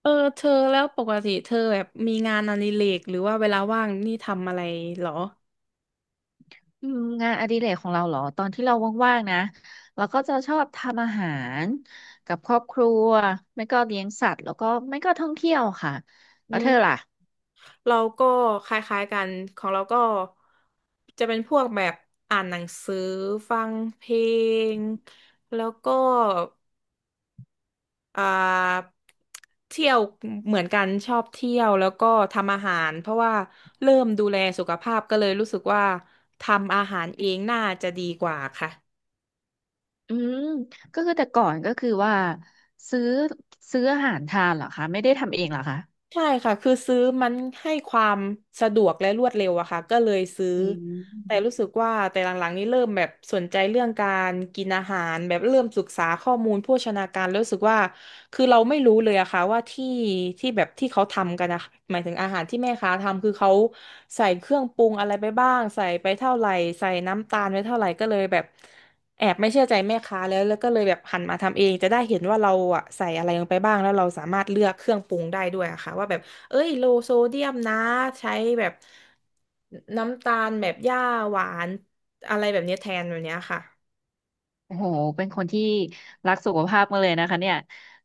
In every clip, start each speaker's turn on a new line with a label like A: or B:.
A: เออเธอแล้วปกติเธอแบบมีงานอดิเรกหรือว่าเวลาว่างนี่ทำอะไรเหรอ
B: อืมงานอดิเรกของเราเหรอตอนที่เราว่างๆนะเราก็จะชอบทำอาหารกับครอบครัวไม่ก็เลี้ยงสัตว์แล้วก็ไม่ก็ท่องเที่ยวค่ะ
A: อื
B: แล้วเธอ
A: ม
B: ล่ะ
A: เราก็คล้ายๆกันของเราก็จะเป็นพวกแบบอ่านหนังสือฟังเพลงแล้วก็อ่าเที่ยวเหมือนกันชอบเที่ยวแล้วก็ทำอาหารเพราะว่าเริ่มดูแลสุขภาพก็เลยรู้สึกว่าทำอาหารเองน่าจะดีกว่าค่ะ
B: อืมก็คือแต่ก่อนก็คือว่าซื้อซื้ออาหารทานเหรอคะไม่ได้ทำเองเหรอคะ
A: ใช่ค่ะคือซื้อมันให้ความสะดวกและรวดเร็วอะค่ะก็เลยซื้อ
B: อืม
A: แต่รู้สึกว่าแต่หลังๆนี้เริ่มแบบสนใจเรื่องการกินอาหารแบบเริ่มศึกษาข้อมูลโภชนาการแล้วรู้สึกว่าคือเราไม่รู้เลยอะค่ะว่าที่แบบที่เขาทำกันอะหมายถึงอาหารที่แม่ค้าทำคือเขาใส่เครื่องปรุงอะไรไปบ้างใส่ไปเท่าไหร่ใส่น้ำตาลไปเท่าไหร่ก็เลยแบบ แอบไม่เชื่อใจแม่ค้าแล้วก็เลยแบบหันมาทำเองจะได้เห็นว่าเราอะใส่อะไรลงไปบ้างแล้วเราสามารถเลือกเครื่องปรุงได้ด้วยอะค่ะว่าแบบเอ้ยโลโซเดียมนะใช้แบบน้ำตาลแบบหญ้าหวานอะไรแบบเนี้ยแทนแบบเนี้ยค่ะ
B: โอ้โหเป็นคนที่รักสุขภาพมากเลยนะคะเนี่ย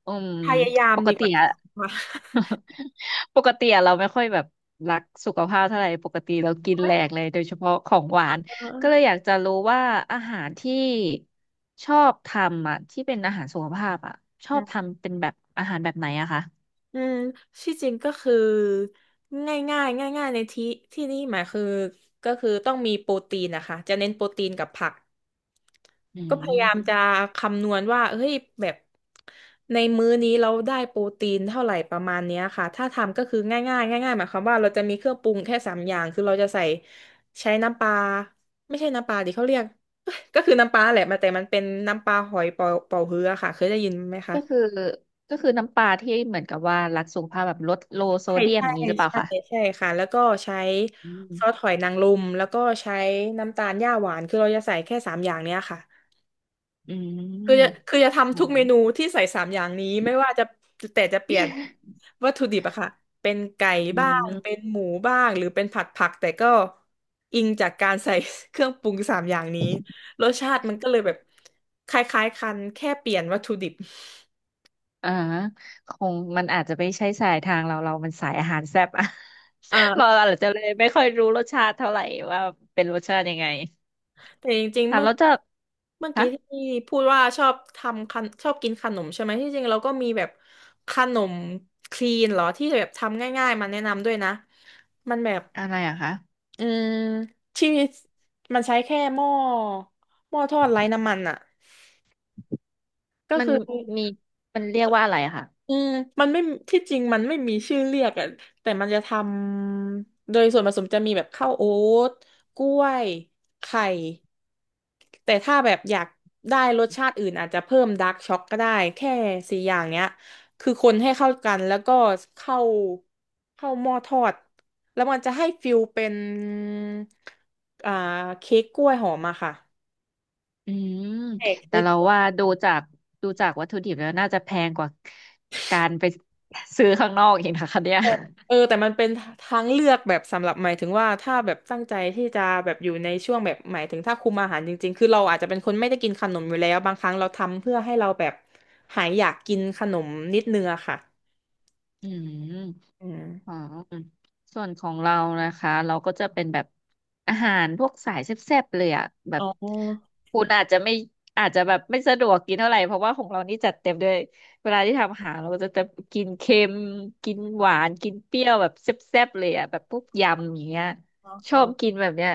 B: อืม
A: พยายาม
B: ปก
A: ดีก
B: ติ
A: ว่า
B: อะ
A: ค่ะ
B: ปกติอะเราไม่ค่อยแบบรักสุขภาพเท่าไหร่ปกติเรากินแหลกเลยโดยเฉพาะของหวาน
A: เออ
B: ก็เลยอยากจะรู้ว่าอาหารที่ชอบทำอะที่เป็นอาหารสุขภาพอะชอ
A: ื
B: บทำเป็นแบบอาหารแบบไหนอะคะ
A: อืมที่จริงก็คือง่ายๆในที่นี่หมายคือก็คือต้องมีโปรตีนนะคะจะเน้นโปรตีนกับผัก
B: อื
A: ก็พยายาม
B: ม
A: จะคำนวณว่าเฮ้ยแบบในมื้อนี้เราได้โปรตีนเท่าไหร่ประมาณเนี้ยค่ะถ้าทำก็คือง่ายๆหมายความว่าเราจะมีเครื่องปรุงแค่สามอย่างคือเราจะใส่ใช้น้ำปลาไม่ใช่น้ำปลาดิเขาเรียก ก็คือน้ำปลาแหละมาแต่มันเป็นน้ำปลาหอยเป่าฮื้อค่ะเคยได้ยินไหมคะ
B: ก็คือก็คือน้ำปลาที่เหมือนกับว่ารักสุขภาพแบบลดโลโซ
A: ใช่
B: เดียม
A: ใช่
B: อย่างนี้หรือเปล่า
A: ใช่
B: คะ
A: ใช่ค่ะแล้วก็ใช้
B: อืม
A: ซอสหอยนางรมแล้วก็ใช้น้ำตาลหญ้าหวานคือเราจะใส่แค่สามอย่างเนี้ยค่ะ
B: อื
A: คือจะ
B: ม
A: คือจะ
B: อื
A: ทำทุก
B: ม
A: เมนูที่ใส่สามอย่างนี้ไม่ว่าจะแต่จะเปลี่ยนวัตถุดิบอะค่ะเป็นไก่
B: อื
A: บ้างเป็น
B: ม
A: หมูบ้างหรือเป็นผัดผักแต่ก็อิงจากการใส่ เครื่องปรุงสามอย่างนี้รสชาติมันก็เลยแบบคล้ายๆกันแค่เปลี่ยนวัตถุดิบ
B: อ่าคงมันอาจจะไม่ใช่สายทางเราเรามันสายอาหารแซ่บอะ
A: เอ่อ
B: เราอาจจะเลยไม่ค่อยรู้รสชาติเท่าไหร่ว่าเป็นรสชาติยังไง
A: แต่จริงๆ
B: ค่ะ
A: เมื่อ
B: แล้วจะ
A: เมื่อ
B: คะ
A: กี้ที่พูดว่าชอบทำขนชอบกินขนมใช่ไหมที่จริงเราก็มีแบบขนมคลีนเหรอที่แบบทำง่ายๆมาแนะนำด้วยนะมันแบบ
B: อะไรอะคะ
A: อืมที่มันใช้แค่หม้อทอดไร้น้ำมันอ่ะก็
B: มัน
A: คือ
B: มีมันเรียกว่าอะไรอะค่ะ
A: อืมมันไม่ที่จริงมันไม่มีชื่อเรียกอ่ะแต่มันจะทำโดยส่วนผสมจะมีแบบข้าวโอ๊ตกล้วยไข่แต่ถ้าแบบอยากได้รสชาติอื่นอาจจะเพิ่มดาร์กช็อกก็ได้แค่สี่อย่างเนี้ยคือคนให้เข้ากันแล้วก็เข้าเข้าหม้อทอดแล้วมันจะให้ฟิลเป็นอ่าเค้กกล้วยหอมอะค่ะ
B: อืม
A: แหก
B: แต่
A: คิด
B: เราว่าดูจากวัตถุดิบแล้วน่าจะแพงกว่าการไปซื้อข้างนอกอีกนะคะเนี่ย
A: เออแต่มันเป็นทางเลือกแบบสำหรับหมายถึงว่าถ้าแบบตั้งใจที่จะแบบอยู่ในช่วงแบบหมายถึงถ้าคุมอาหารจริงๆคือเราอาจจะเป็นคนไม่ได้กินขนมอยู่แล้วบางครั้งเราทำเพื่อให้เราแบบหายอยากกินขนมนิดนึงอะค่ะ
B: อืม
A: อืม
B: อ๋อส่วนของเรานะคะเราก็จะเป็นแบบอาหารพวกสายแซ่บๆเลยอ่ะแบ
A: อ๋
B: บ
A: อ
B: คุณอาจจะไม่อาจจะแบบไม่สะดวกกินเท่าไหร่เพราะว่าของเรานี่จัดเต็มด้วยเวลาที่ทำอาหารเราก็จะกินเค็มกินหวานกินเปรี้ยวแบบแซ่บๆเลยอ่ะแบบพวกยำอย่างเงี้ย
A: อ๋อ
B: ช
A: ค่ะ
B: อบกินแบบเนี้ย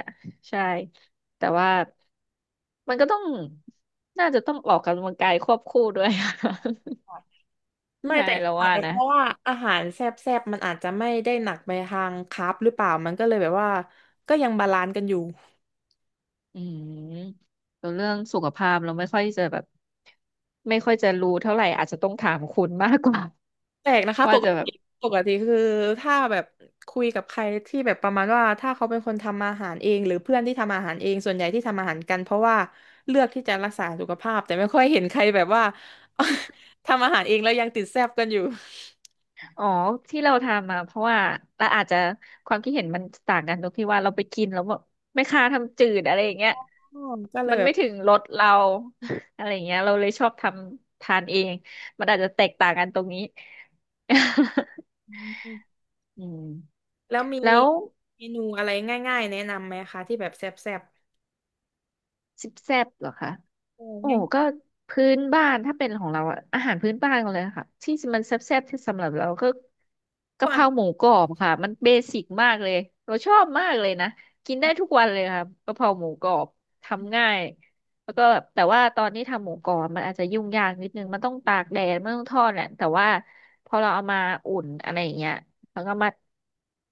B: ใช่แต่ว่ามันก็ต้องน่าจะต้องออกกำลังกายควบคู่ด้วย
A: ไม่
B: ใช่
A: แต่
B: เรา
A: อาจ
B: ว่า
A: จะ
B: นะ
A: เพราะว่าอาหารแซ่บๆมันอาจจะไม่ได้หนักไปทางคาร์บหรือเปล่ามันก็เลยแบบว่าก็ยังบาลานซ์กันอยู่
B: อืมส่วนเรื่องสุขภาพเราไม่ค่อยจะแบบไม่ค่อยจะรู้เท่าไหร่อาจจะต้องถามคุณมากกว่า
A: แปลกนะ คะ
B: ว่า
A: ปก
B: จะแบบ
A: ติปกติคือถ้าแบบคุยกับใครที่แบบประมาณว่าถ้าเขาเป็นคนทำอาหารเองหรือเพื่อนที่ทำอาหารเองส่วนใหญ่ที่ทำอาหารกันเพราะว่าเลือกที่จะรักษาสุขภาพแต่ไม่ค่อยเห็นใครแบบว่า ทำอาหารเองแล้วยังติดแซ่บกันอยู่
B: อ๋อที่เราทำมาเพราะว่าเราอาจจะความคิดเห็นมันต่างกันตรงที่ว่าเราไปกินแล้วแบบไม่ค่าทำจืดอะไรอย่างเงี้ย
A: อ๋อก็เลย
B: มัน
A: แบ
B: ไม่
A: บ
B: ถึงรสเรา อะไรอย่างเงี้ยเราเลยชอบทำทานเองมันอาจจะแตกต่างกันตรงนี้
A: อืม
B: อืม
A: แล้วมี
B: แล้ว
A: เมนูอะไรง่ายๆแนะนำไหมคะที่แบบแซ่บ
B: สิบแซบเหรอคะ
A: ๆเออ
B: โอ้
A: ง่าย
B: ก็พื้นบ้านถ้าเป็นของเราอะอาหารพื้นบ้านกันเลยค่ะที่มันแซ่บๆที่สำหรับเราก็
A: พว
B: กะเพ
A: ก
B: ราหมูกรอบค่ะมันเบสิกมากเลยเราชอบมากเลยนะกินได้ทุกวันเลยค่ะกะเพราหมูกรอบทำง่ายแล้วก็แบบแต่ว่าตอนที่ทำหมูกรอบมันอาจจะยุ่งยากนิดนึงมันต้องตากแดดมันต้องทอดแหละแต่ว่าพอเราเอามาอุ่นอะไรอย่างเงี้ย แล้วก็มา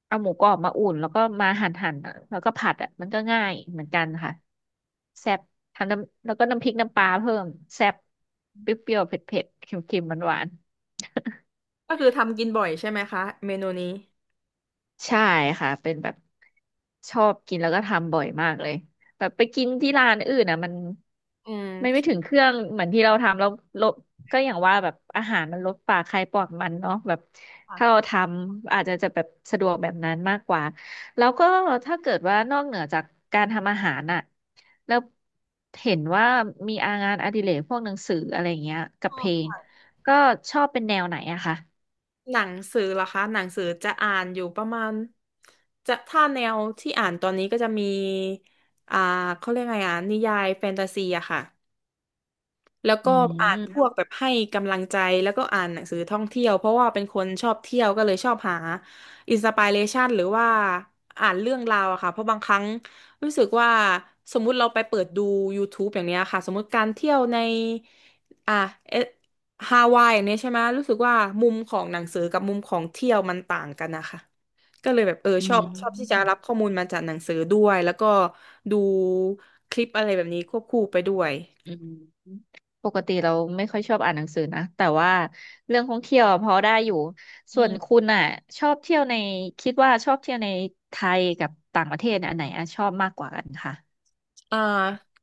B: เอาหมูกรอบมาอุ่นแล้วก็มาหั่นหั่นแล้วก็ผัดอ่ะมันก็ง่ายเหมือนกันค่ะแซ่บทำน้ำแล้วก็น้ำพริกน้ำปลาเพิ่มแซ่บเปรี้ยวๆเผ็ดๆเค็มๆหวาน
A: ก็คือทำกินบ่อยใช่ไหมคะเมนูนี้
B: ใช่ค่ะเป็นแบบชอบกินแล้วก็ทำบ่อยมากเลยแบบไปกินที่ร้านอื่นอ่ะมัน
A: อื
B: มันไม่
A: ม
B: ถึงเครื่องเหมือนที่เราทำแล้วลบก็อย่างว่าแบบอาหารมันลดปากใครปากมันเนาะแบบถ้าเราทำอาจจะจะแบบสะดวกแบบนั้นมากกว่าแล้วก็ถ้าเกิดว่านอกเหนือจากการทำอาหารอ่ะแล้วเห็นว่ามีอางานอดิเรกพวกหนังสืออะไร่เงี้ยกับเพลงก็ชอบเป็นแนวไหนอะคะ
A: หนังสือเหรอคะหนังสือจะอ่านอยู่ประมาณจะถ้าแนวที่อ่านตอนนี้ก็จะมีอ่าเขาเรียกไงอ่ะนิยายแฟนตาซีอะค่ะ แล้ว
B: อื
A: ก็อ่านพ
B: ม
A: วกแบบให้กำลังใจแล้วก็อ่านหนังสือท่องเที่ยวเพราะว่าเป็นคนชอบเที่ยวก็เลยชอบหาอินสปิเรชันหรือว่าอ่านเรื่องราวอะค่ะเพราะบางครั้งรู้สึกว่าสมมุติเราไปเปิดดู YouTube อย่างเนี้ยค่ะสมมุติการเที่ยวในอ่ะเอฮาวายอย่างเนี้ยใช่ไหมรู้สึกว่ามุมของหนังสือกับมุมของเที่ยวมันต่างกันนะคะก็เลยแบบเออ
B: อื
A: ชอบ
B: ม
A: ชอบที่จะรับข้อมูลมาจากหนังสือด้วยแล้วก็ดูคลิปอะไรแบบนี้ควบคู่ไปด้วย
B: อืมปกติเราไม่ค่อยชอบอ่านหนังสือนะแต่ว่าเรื่องท่องเที่ยวอะพอได้อยู่
A: อื
B: ส่วน
A: ม
B: คุณอ่ะชอบเที่ยวในคิดว่าชอบเที่ยวในไทยกับต่างประเทศเนี่ยอันไหนอะชอบมากกว่ากันค่ะ
A: อ่า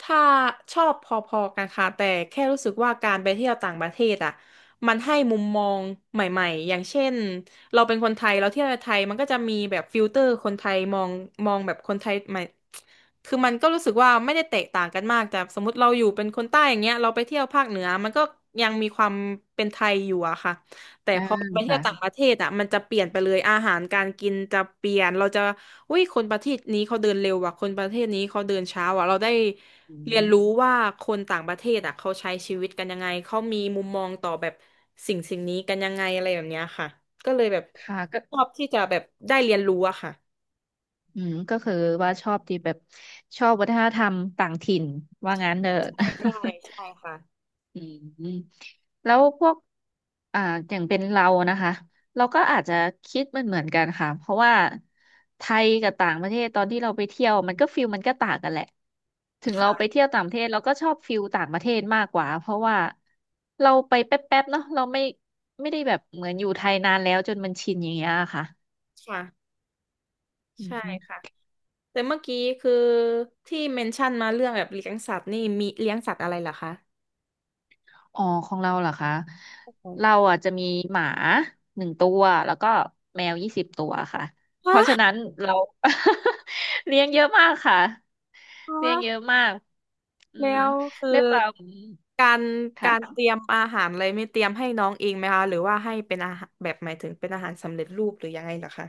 A: ถ้าชอบพอๆกันค่ะแต่แค่รู้สึกว่าการไปเที่ยวต่างประเทศอ่ะมันให้มุมมองใหม่ๆ อย่างเช่นเราเป็นคนไทยเราเที่ยวในไทยมันก็จะมีแบบฟิลเตอร์คนไทยมองมองแบบคนไทยใหม่คือมันก็รู้สึกว่าไม่ได้แตกต่างกันมากแต่สมมติเราอยู่เป็นคนใต้อย่างเงี้ยเราไปเที่ยวภาคเหนือมันก็ยังมีความเป็นไทยอยู่อะค่ะ แต่
B: อ่า
A: พอไปเที่ยวต่างป
B: ค่ะ
A: ระเทศอ่ะมันจะเปลี่ยนไปเลยอาหารการกินจะเปลี่ยนเราจะอุ้ยคนประเทศนี้เขาเดินเร็วว่ะคนประเทศนี้เขาเดินช้าว่ะเราได้
B: อื
A: เรียน
B: ม
A: รู้ว่าคนต่างประเทศอ่ะเขาใช้ชีวิตกันยังไงเขามีมุมมองต่อแบบสิ่งสิ่งนี้กันยังไงอะไรแบบเนี้ยค่ะก็เลยแบบ
B: ค่ะก็
A: ชอบที่จะแบบได้เรียนรู้อะค่ะ
B: อืมก็คือว่าชอบที่แบบชอบวัฒนธรรมต่างถิ่นว่างั้นเด้อ
A: ใช่ใช่ใช่ค่ะ
B: อืมแล้วพวกอ่าอย่างเป็นเรานะคะ เราก็อาจจะคิดมันเหมือนกันค่ะเพราะว่าไทยกับต่างประเทศตอนที่เราไปเที่ยวมันก็ฟิลมันก็ต่างกันแหละถึงเราไปเที่ยวต่างประเทศเราก็ชอบฟิลต่างประเทศมากกว่าเพราะว่าเราไปแป๊บๆเนาะเราไม่ไม่ได้แบบเหมือนอยู่ไทยนานแล้วจนมันชินอย่างเงี้ยค่ะ
A: ค่ะ
B: อื
A: ใช่
B: ม
A: ค่ะแต่เมื่อกี้คือที่เมนชั่นมาเรื่องแบบเลี้ยงสัตว์นี่มีเลี้ยงสัตว์อะไรเหรอคะ
B: อ๋อของเราเหรอคะเราอ่ะจะมีหมา1 ตัวแล้วก็แมว20 ตัวค่ะเพราะฉะ
A: ฮะ
B: นั้นเรา เลี้ยงเยอะมากค่ะเลี้ยง
A: ฮะ
B: เยอะมากอืม
A: แล้วคื
B: ด้
A: อ
B: วยความ
A: การกา
B: ค่ะ
A: รเตรียมอาหารอะไรไม่เตรียมให้น้องเองไหมคะหรือว่าให้เป็นอาหารแบบหมายถึงเป็นอาหารสำเร็จรูปหรือยังไงเหรอคะ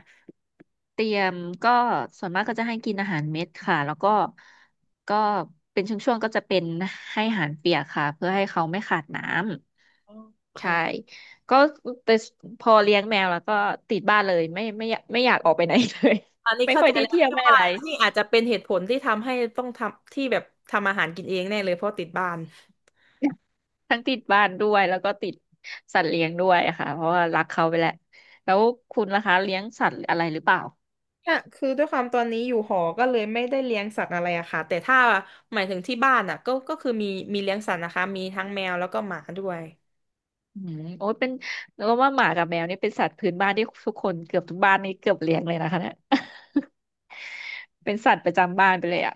B: เตรียมก็ส่วนมากก็จะให้กินอาหารเม็ดค่ะแล้วก็ก็เป็นช่วงๆก็จะเป็นให้อาหารเปียกค่ะเพื่อให้เขาไม่ขาดน้ำ
A: อ๋อค่ะ
B: ใช่ก็แต่พอเลี้ยงแมวแล้วก็ติดบ้านเลยไม่อยากไม่อยากออกไปไหนเลย
A: อันนี้
B: ไม่
A: เข้า
B: ค่อ
A: ใจ
B: ยได้
A: แล้ว
B: เที่ยว
A: ที่
B: ไม่อะ
A: ว่า
B: ไร
A: นี่อาจจะเป็นเหตุผลที่ทำให้ต้องทำที่แบบทำอาหารกินเองแน่เลยเพราะติดบ้าน
B: ทั้งติดบ้านด้วยแล้วก็ติดสัตว์เลี้ยงด้วยค่ะเพราะว่ารักเขาไปแหล้วแล้วคุณล่ะคะเลี้ยงสัตว์อะไรหรือเปล่า
A: เนี่ยคือด้วยความตอนนี้อยู่หอก็เลยไม่ได้เลี้ยงสัตว์อะไรอะค่ะแต่ถ้าหมายถึงที่บ้านอะก็คือมีเลี้ยงสัตว์นะคะมีทั้งแมวแล้วก็หมาด้วย
B: อืมโอ้ยเป็นเราว่าหมากับแมวนี่เป็นสัตว์พื้นบ้านที่ทุกคนเกือบทุกบ้านนี่เกือบเลี้ยงเลยนะคะเนี่ย เป็นสัตว์ประจำบ้านไปเลยอ่ะ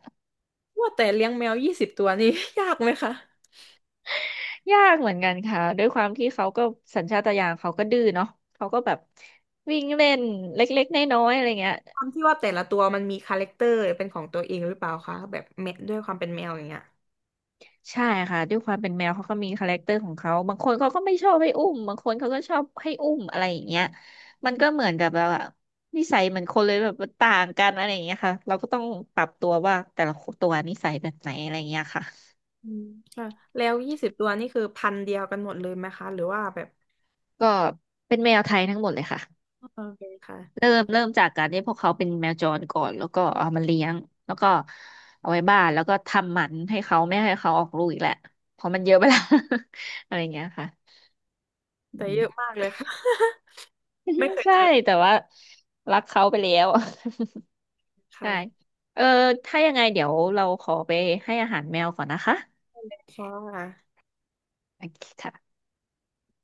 A: ว่าแต่เลี้ยงแมวยี่สิบตัวนี่ ยากไหมคะ
B: ยากเหมือนกันค่ะด้วยความที่เขาก็สัญชาตญาณเขาก็ดื้อเนาะเขาก็แบบวิ่งเล่นเล็กๆน้อยๆอะไรเงี้ย
A: ความที่ว่าแต่ละตัวมันมีคาแรคเตอร์เป็นของตัวเองหรือเปล่าคะแบบแมวด้วยความเป็นแมวอย่างเงี้ย
B: ใช่ค่ะด้วยความเป็นแมวเขาก็มีคาแรคเตอร์ของเขาบางคนเขาก็ไม่ชอบให้อุ้มบางคนเขาก็ชอบให้อุ้มอะไรอย่างเงี้ยมันก็เหมือนกับแบบว่านิสัยเหมือนคนเลยแบบมันต่างกันอะไรอย่างเงี้ยค่ะเราก็ต้องปรับตัวว่าแต่ละตัวนิสัยแบบไหนอะไรอย่างเงี้ยค่ะ
A: อืมค่ะแล้วยี่สิบตัวนี่คือพันธุ์เดียวกันหมดเลยไหมคะหรือว่าแบบ
B: ก็เป็นแมวไทยทั้งหมดเลยค่ะ
A: โอเคค่ะ
B: เริ่มจากการที่พวกเขาเป็นแมวจรก่อนแล้วก็เอามาเลี้ยงแล้วก็เอาไว้บ้านแล้วก็ทำหมันให้เขาไม่ให้เขาออกลูกอีกแหละเพราะมันเยอะไปแล้ว อะไรอย่างเงี้ยค่ะอื
A: แต่เย
B: ม
A: อะมากเลยค่ะ ไม่เค ย
B: ใช่
A: เจอ
B: แต่ว่ารักเขาไปแล้ว ใช่
A: ค่ะ
B: เออถ้ายังไงเดี๋ยวเราขอไปให้อาหารแมวก่อนนะคะ
A: ค่ะ
B: โอเคค่ะ